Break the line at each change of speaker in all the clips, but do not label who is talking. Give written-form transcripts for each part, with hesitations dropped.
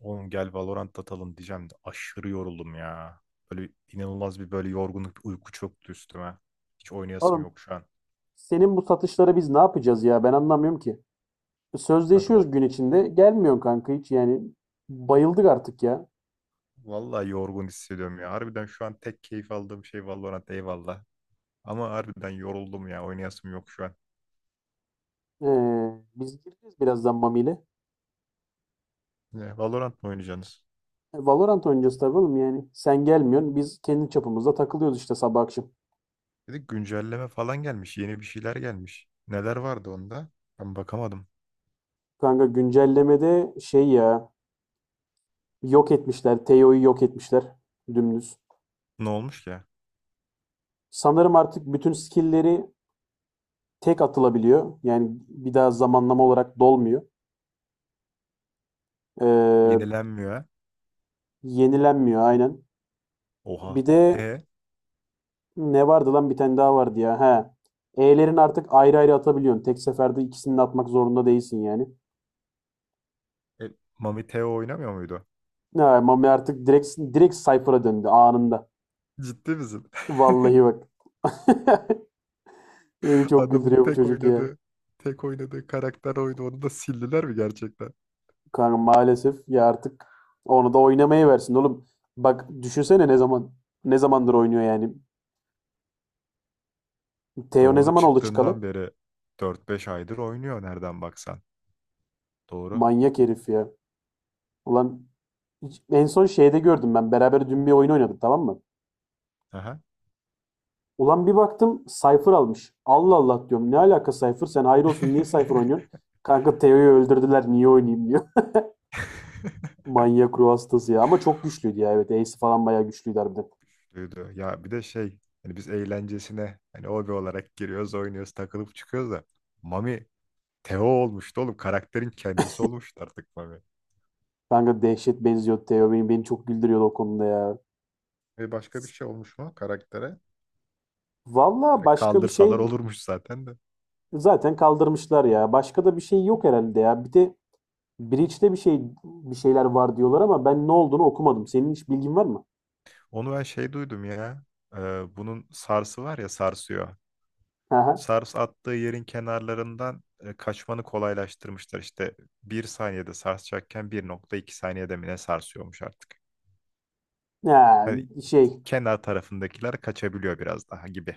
Oğlum gel Valorant atalım diyeceğim de aşırı yoruldum ya. Böyle inanılmaz bir yorgunluk, bir uyku çöktü üstüme. Hiç oynayasım
Oğlum
yok şu an.
senin bu satışları biz ne yapacağız ya ben anlamıyorum ki.
Kanka va-
Sözleşiyoruz gün içinde gelmiyorsun kanka hiç yani bayıldık artık ya.
Vallahi yorgun hissediyorum ya. Harbiden şu an tek keyif aldığım şey Valorant eyvallah. Ama harbiden yoruldum ya. Oynayasım yok şu an.
Ee, biz gireceğiz birazdan Mami ile.
Ne, Valorant mı oynayacaksınız?
E, Valorant oynayacağız tabii oğlum yani. Sen gelmiyorsun biz kendi çapımızda takılıyoruz işte sabah akşam.
Bir güncelleme falan gelmiş. Yeni bir şeyler gelmiş. Neler vardı onda? Ben bakamadım.
Kanka güncellemede şey ya yok etmişler. Teo'yu yok etmişler. Dümdüz.
Ne olmuş ki?
Sanırım artık bütün skill'leri tek atılabiliyor. Yani bir daha zamanlama olarak dolmuyor. Ee,
Yenilenmiyor ha?
yenilenmiyor aynen.
Oha.
Bir de ne vardı lan bir tane daha vardı ya. He. E'lerin artık ayrı ayrı atabiliyorsun. Tek seferde ikisini de atmak zorunda değilsin yani.
E Mami Teo oynamıyor muydu?
Ha, Mami artık direkt Cypher'a döndü anında.
Ciddi misin?
Vallahi bak. Beni çok
Adamın
güldürüyor bu
tek
çocuk ya.
oynadığı tek oynadığı karakter oydu. Onu da sildiler mi gerçekten?
Kanka maalesef ya artık onu da oynamaya versin oğlum. Bak düşünsene ne zamandır oynuyor yani. Teo ne
Doğru
zaman oldu çıkalı?
çıktığından beri dört beş aydır oynuyor nereden baksan. Doğru.
Manyak herif ya. Ulan en son şeyde gördüm ben. Beraber dün bir oyun oynadık tamam mı?
Aha.
Ulan bir baktım Cypher almış. Allah Allah diyorum. Ne alaka Cypher? Sen hayır olsun niye Cypher oynuyorsun? Kanka Teo'yu öldürdüler niye oynayayım diyor. Manyak ruh hastası ya. Ama çok güçlüydü ya evet. Ace falan bayağı güçlüydü harbiden.
Duydu. Ya bir de şey hani biz eğlencesine hani hobi olarak giriyoruz oynuyoruz takılıp çıkıyoruz da Mami Teo olmuştu oğlum, karakterin kendisi olmuştu artık Mami.
Kanka dehşet benziyor Teo. Beni çok güldürüyordu o konuda ya.
E başka bir şey olmuş mu karaktere?
Valla
Direkt
başka bir
kaldırsalar
şey
olurmuş zaten de.
zaten kaldırmışlar ya. Başka da bir şey yok herhalde ya. Bir de Breach'te bir şeyler var diyorlar ama ben ne olduğunu okumadım. Senin hiç bilgin var mı?
Onu ben şey duydum ya. e, Bunun sarsı var ya, sarsıyor.
Aha.
Sars attığı yerin kenarlarından kaçmanı kolaylaştırmışlar. İşte bir saniyede sarsacakken bir nokta iki saniyede mi ne sarsıyormuş artık.
Ha,
Hani
şey
kenar tarafındakiler kaçabiliyor biraz daha gibi.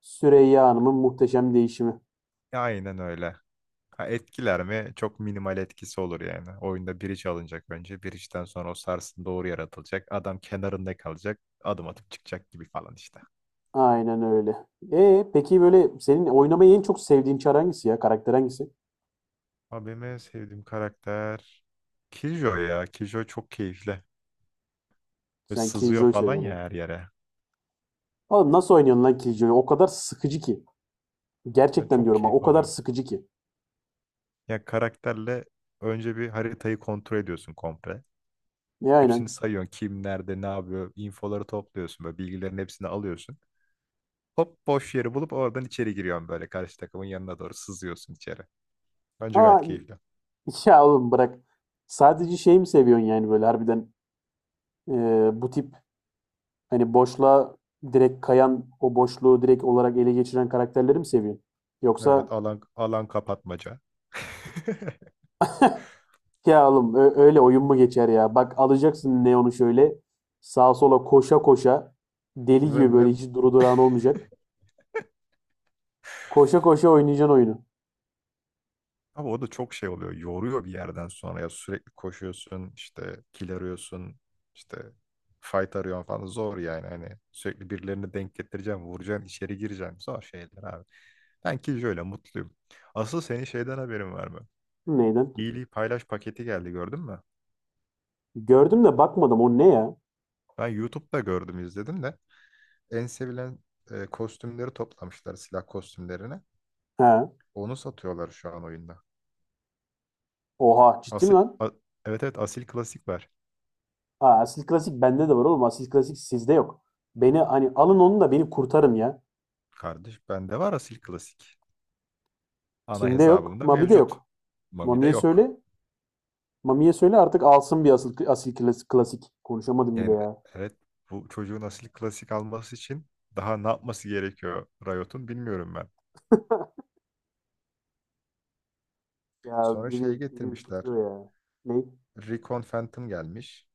Süreyya Hanım'ın muhteşem değişimi.
E, aynen öyle. Ha, etkiler mi? Çok minimal etkisi olur yani. Oyunda bridge alınacak önce. Bridge'den sonra o sarsın doğru yaratılacak. Adam kenarında kalacak. Adım atıp çıkacak gibi falan işte.
Aynen öyle. E peki böyle senin oynamayı en çok sevdiğin çar hangisi ya? Karakter hangisi?
Abime sevdiğim karakter. Kijo ya. Kijo çok keyifli. Böyle
Sen
sızıyor
Killjoy
falan ya
seviyorsun.
her yere.
Oğlum nasıl oynuyorsun lan Killjoy'u? O kadar sıkıcı ki.
Ben
Gerçekten
çok
diyorum ha o
keyif
kadar
alıyorum.
sıkıcı ki.
Ya karakterle önce bir haritayı kontrol ediyorsun komple.
E
Hepsini
aynen.
sayıyorsun. Kim nerede ne yapıyor. İnfoları topluyorsun. Böyle bilgilerin hepsini alıyorsun. Hop boş yeri bulup oradan içeri giriyorsun böyle. Karşı takımın yanına doğru sızıyorsun içeri. Bence gayet
Aa,
keyifli.
ya oğlum bırak. Sadece şey mi seviyorsun yani böyle harbiden bu tip hani boşluğa direkt kayan o boşluğu direkt olarak ele geçiren karakterleri mi seviyorsun?
Evet,
Yoksa
alan kapatmaca.
ya oğlum öyle oyun mu geçer ya? Bak alacaksın Neon'u şöyle sağa sola koşa koşa deli gibi
Vın
böyle
vın.
hiç duru durağın olmayacak. Koşa koşa oynayacaksın oyunu.
Abi o da çok şey oluyor. Yoruyor bir yerden sonra ya, sürekli koşuyorsun, işte kill arıyorsun, işte fight arıyorsun falan. Zor yani, hani sürekli birilerini denk getireceksin, vuracaksın, içeri gireceksin. Zor şeyler abi. Ben ki şöyle mutluyum. Asıl senin şeyden haberin var mı?
Neyden?
İyiliği Paylaş paketi geldi, gördün mü?
Gördüm de bakmadım o ne ya?
Ben YouTube'da gördüm, izledim de en sevilen kostümleri toplamışlar, silah kostümlerini.
Ha.
Onu satıyorlar şu an oyunda.
Oha ciddi mi
Asil,
lan?
a- evet evet, Asil Klasik var.
Aa, Asil Klasik bende de var oğlum. Asil Klasik sizde yok. Beni hani alın onu da beni kurtarın ya.
Kardeş bende var Asil Klasik. Ana
Kimde yok?
hesabımda
Mami'de
mevcut.
yok.
Mami'de
Mami'ye
yok.
söyle. Mami'ye söyle artık alsın bir asil klasik, klasik. Konuşamadım bile
Yani
ya.
evet, bu çocuğun Asil Klasik alması için daha ne yapması gerekiyor Riot'un, bilmiyorum ben.
Ya
Sonra şeyi
beni
getirmişler.
ürkütüyor ya. Ne?
Recon Phantom gelmiş.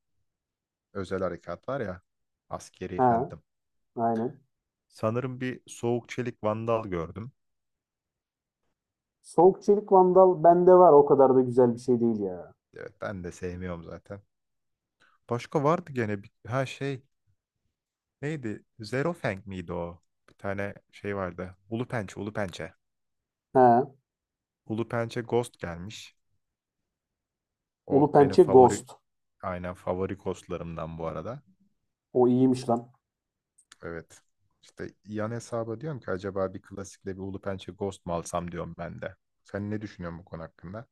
Özel harekat var ya. Askeri
Ha,
Phantom.
aynen.
Sanırım bir Soğuk Çelik Vandal gördüm.
Soğuk Çelik Vandal bende var. O kadar da güzel bir şey değil ya.
Evet, ben de sevmiyorum zaten. Başka vardı gene bir, ha şey neydi? Zero Fang miydi o? Bir tane şey vardı. Ulu Pençe, Ulu Pençe.
Ha,
Ulu Pençe Ghost gelmiş. O
Ulu
benim
Pençe
favori.
Ghost.
Aynen, favori kostlarımdan bu arada.
O iyiymiş lan.
Evet. İşte yan hesaba diyorum ki acaba bir klasikle bir Ulu Pençe Ghost mu alsam diyorum ben de. Sen ne düşünüyorsun bu konu hakkında?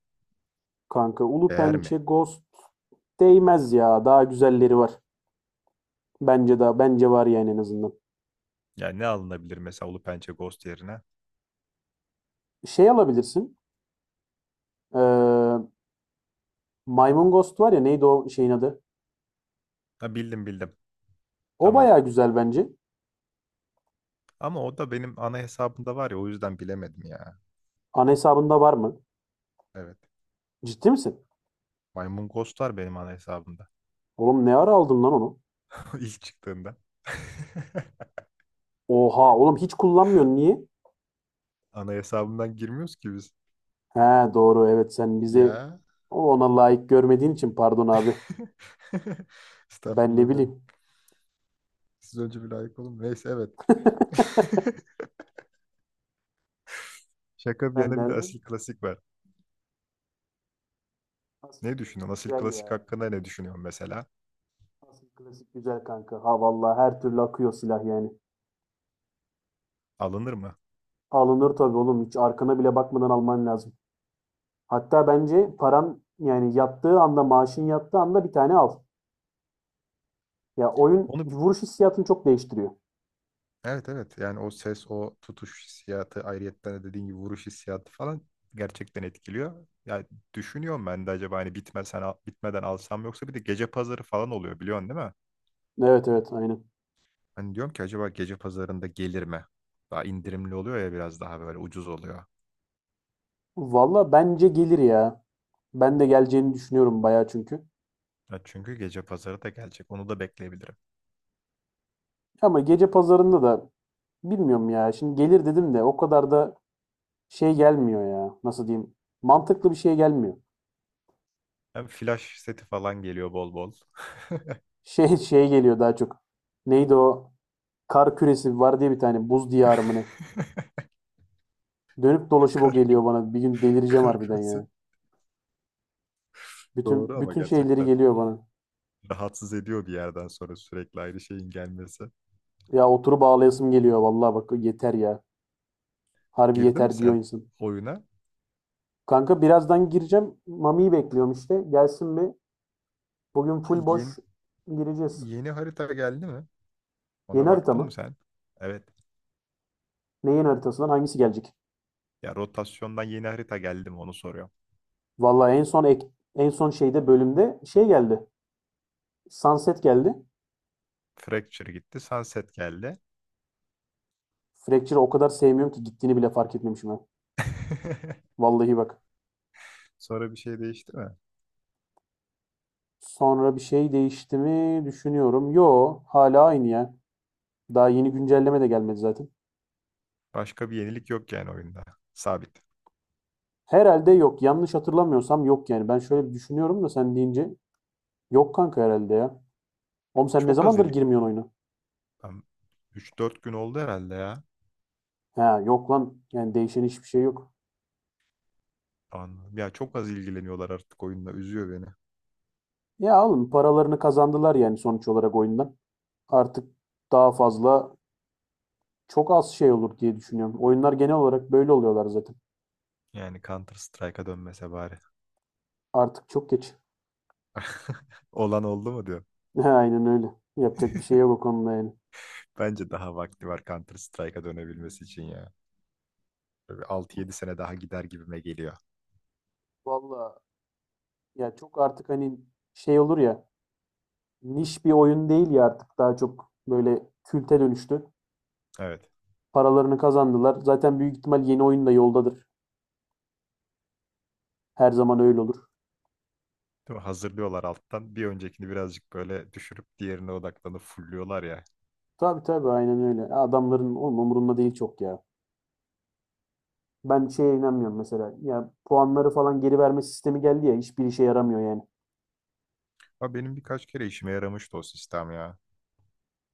Kanka Ulu
Değer
Pençe
mi?
Ghost değmez ya. Daha güzelleri var. Bence daha bence var yani en azından.
Yani ne alınabilir mesela Ulu Pençe Ghost yerine?
Şey alabilirsin. Ee, Maymun Ghost var ya neydi o şeyin adı?
Ha, bildim, bildim.
O
Tamam.
bayağı güzel bence.
Ama o da benim ana hesabımda var ya, o yüzden bilemedim ya.
Ana hesabında var mı?
Evet.
Ciddi misin?
Maymun Ghost'lar benim ana hesabımda.
Oğlum ne ara aldın lan onu?
İlk çıktığında.
Oha oğlum hiç kullanmıyorsun niye?
Ana hesabımdan girmiyoruz ki biz.
He doğru evet sen bizi
Ya.
ona layık görmediğin için pardon abi. Ben ne
Estağfurullah benim.
bileyim.
Siz önce bir layık olun. Neyse, evet. Şaka bir
Ben
yana, bir de Asil
nereden?
Klasik var.
Asıl
Ne düşünüyorsun?
klasik
Asil
güzel
Klasik
ya.
hakkında ne düşünüyorsun mesela?
Asıl klasik güzel kanka. Ha vallahi her türlü akıyor silah yani.
Alınır mı?
Alınır tabii oğlum hiç arkana bile bakmadan alman lazım. Hatta bence paran yani yattığı anda, maaşın yattığı anda bir tane al. Ya oyun
Onu bi-
vuruş hissiyatını çok değiştiriyor.
evet evet, yani o ses, o tutuş hissiyatı, ayrıyetten de dediğin gibi vuruş hissiyatı falan gerçekten etkiliyor. Ya düşünüyorum ben de, acaba hani bitmeden alsam, yoksa bir de gece pazarı falan oluyor, biliyorsun değil mi?
Evet aynen.
Hani diyorum ki acaba gece pazarında gelir mi? Daha indirimli oluyor ya, biraz daha böyle ucuz oluyor.
Valla bence gelir ya. Ben de geleceğini düşünüyorum bayağı çünkü.
Ya çünkü gece pazarı da gelecek. Onu da bekleyebilirim.
Ama gece pazarında da bilmiyorum ya. Şimdi gelir dedim de o kadar da şey gelmiyor ya. Nasıl diyeyim? Mantıklı bir şey gelmiyor.
Hem flash seti falan geliyor bol bol.
Şey geliyor daha çok. Neydi o? Kar küresi var diye bir tane buz diyarı mı ne? Dönüp dolaşıp o
Kar,
geliyor bana. Bir gün delireceğim
kar
harbiden
küresi
ya.
doğru, ama
Bütün şeyleri
gerçekten
geliyor bana.
rahatsız ediyor bir yerden sonra sürekli aynı şeyin gelmesi.
Ya oturup ağlayasım geliyor vallahi bak yeter ya. Harbi
Girdin mi
yeter diyor
sen
insan.
oyuna?
Kanka birazdan gireceğim. Mami'yi bekliyorum işte. Gelsin bir. Bugün full
Yeni,
boş gireceğiz.
yeni harita geldi mi? Ona
Yeni harita
baktın mı
mı?
sen? Evet.
Ne yeni haritasından hangisi gelecek?
Ya rotasyondan yeni harita geldi mi onu soruyorum.
Vallahi en son şeyde bölümde şey geldi. Sunset geldi.
Fracture gitti, Sunset geldi.
Fracture'ı o kadar sevmiyorum ki gittiğini bile fark etmemişim ben. Vallahi bak.
Sonra bir şey değişti mi?
Sonra bir şey değişti mi düşünüyorum. Yo hala aynı ya. Daha yeni güncelleme de gelmedi zaten.
Başka bir yenilik yok yani oyunda. Sabit.
Herhalde yok. Yanlış hatırlamıyorsam yok yani. Ben şöyle bir düşünüyorum da sen deyince yok kanka herhalde ya. Oğlum sen ne
Çok az
zamandır
il...
girmiyorsun oyuna?
Ben 3-4 gün oldu herhalde ya.
Ha yok lan. Yani değişen hiçbir şey yok.
Anladım. Ya çok az ilgileniyorlar artık oyunla. Üzüyor beni.
Ya oğlum paralarını kazandılar yani sonuç olarak oyundan. Artık daha fazla çok az şey olur diye düşünüyorum. Oyunlar genel olarak böyle oluyorlar zaten.
Yani Counter Strike'a dönmese bari.
Artık çok geç.
Olan oldu mu diyor.
Aynen öyle. Yapacak bir şey yok o konuda yani.
Bence daha vakti var Counter Strike'a dönebilmesi için ya. Böyle 6-7 sene daha gider gibime geliyor.
Valla ya çok artık hani şey olur ya niş bir oyun değil ya artık daha çok böyle külte dönüştü.
Evet.
Paralarını kazandılar. Zaten büyük ihtimal yeni oyun da yoldadır. Her zaman öyle olur.
Değil mi? Hazırlıyorlar alttan. Bir öncekini birazcık böyle düşürüp diğerine odaklanıp fulluyorlar ya.
Tabii aynen öyle. Adamların oğlum umurunda değil çok ya. Ben şeye inanmıyorum mesela. Ya puanları falan geri verme sistemi geldi ya hiçbir işe yaramıyor yani.
Ama benim birkaç kere işime yaramıştı o sistem ya.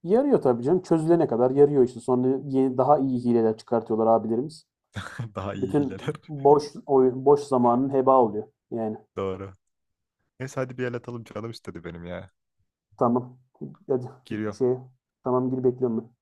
Yarıyor tabii canım. Çözülene kadar yarıyor işte. Sonra yeni, daha iyi hileler çıkartıyorlar abilerimiz.
Daha iyi
Bütün
hileler.
boş zamanın heba oluyor. Yani
Doğru. Neyse hadi bir el atalım, canım istedi benim ya.
tamam. Hadi
Giriyorum.
şey tamam gir bekliyorum ben.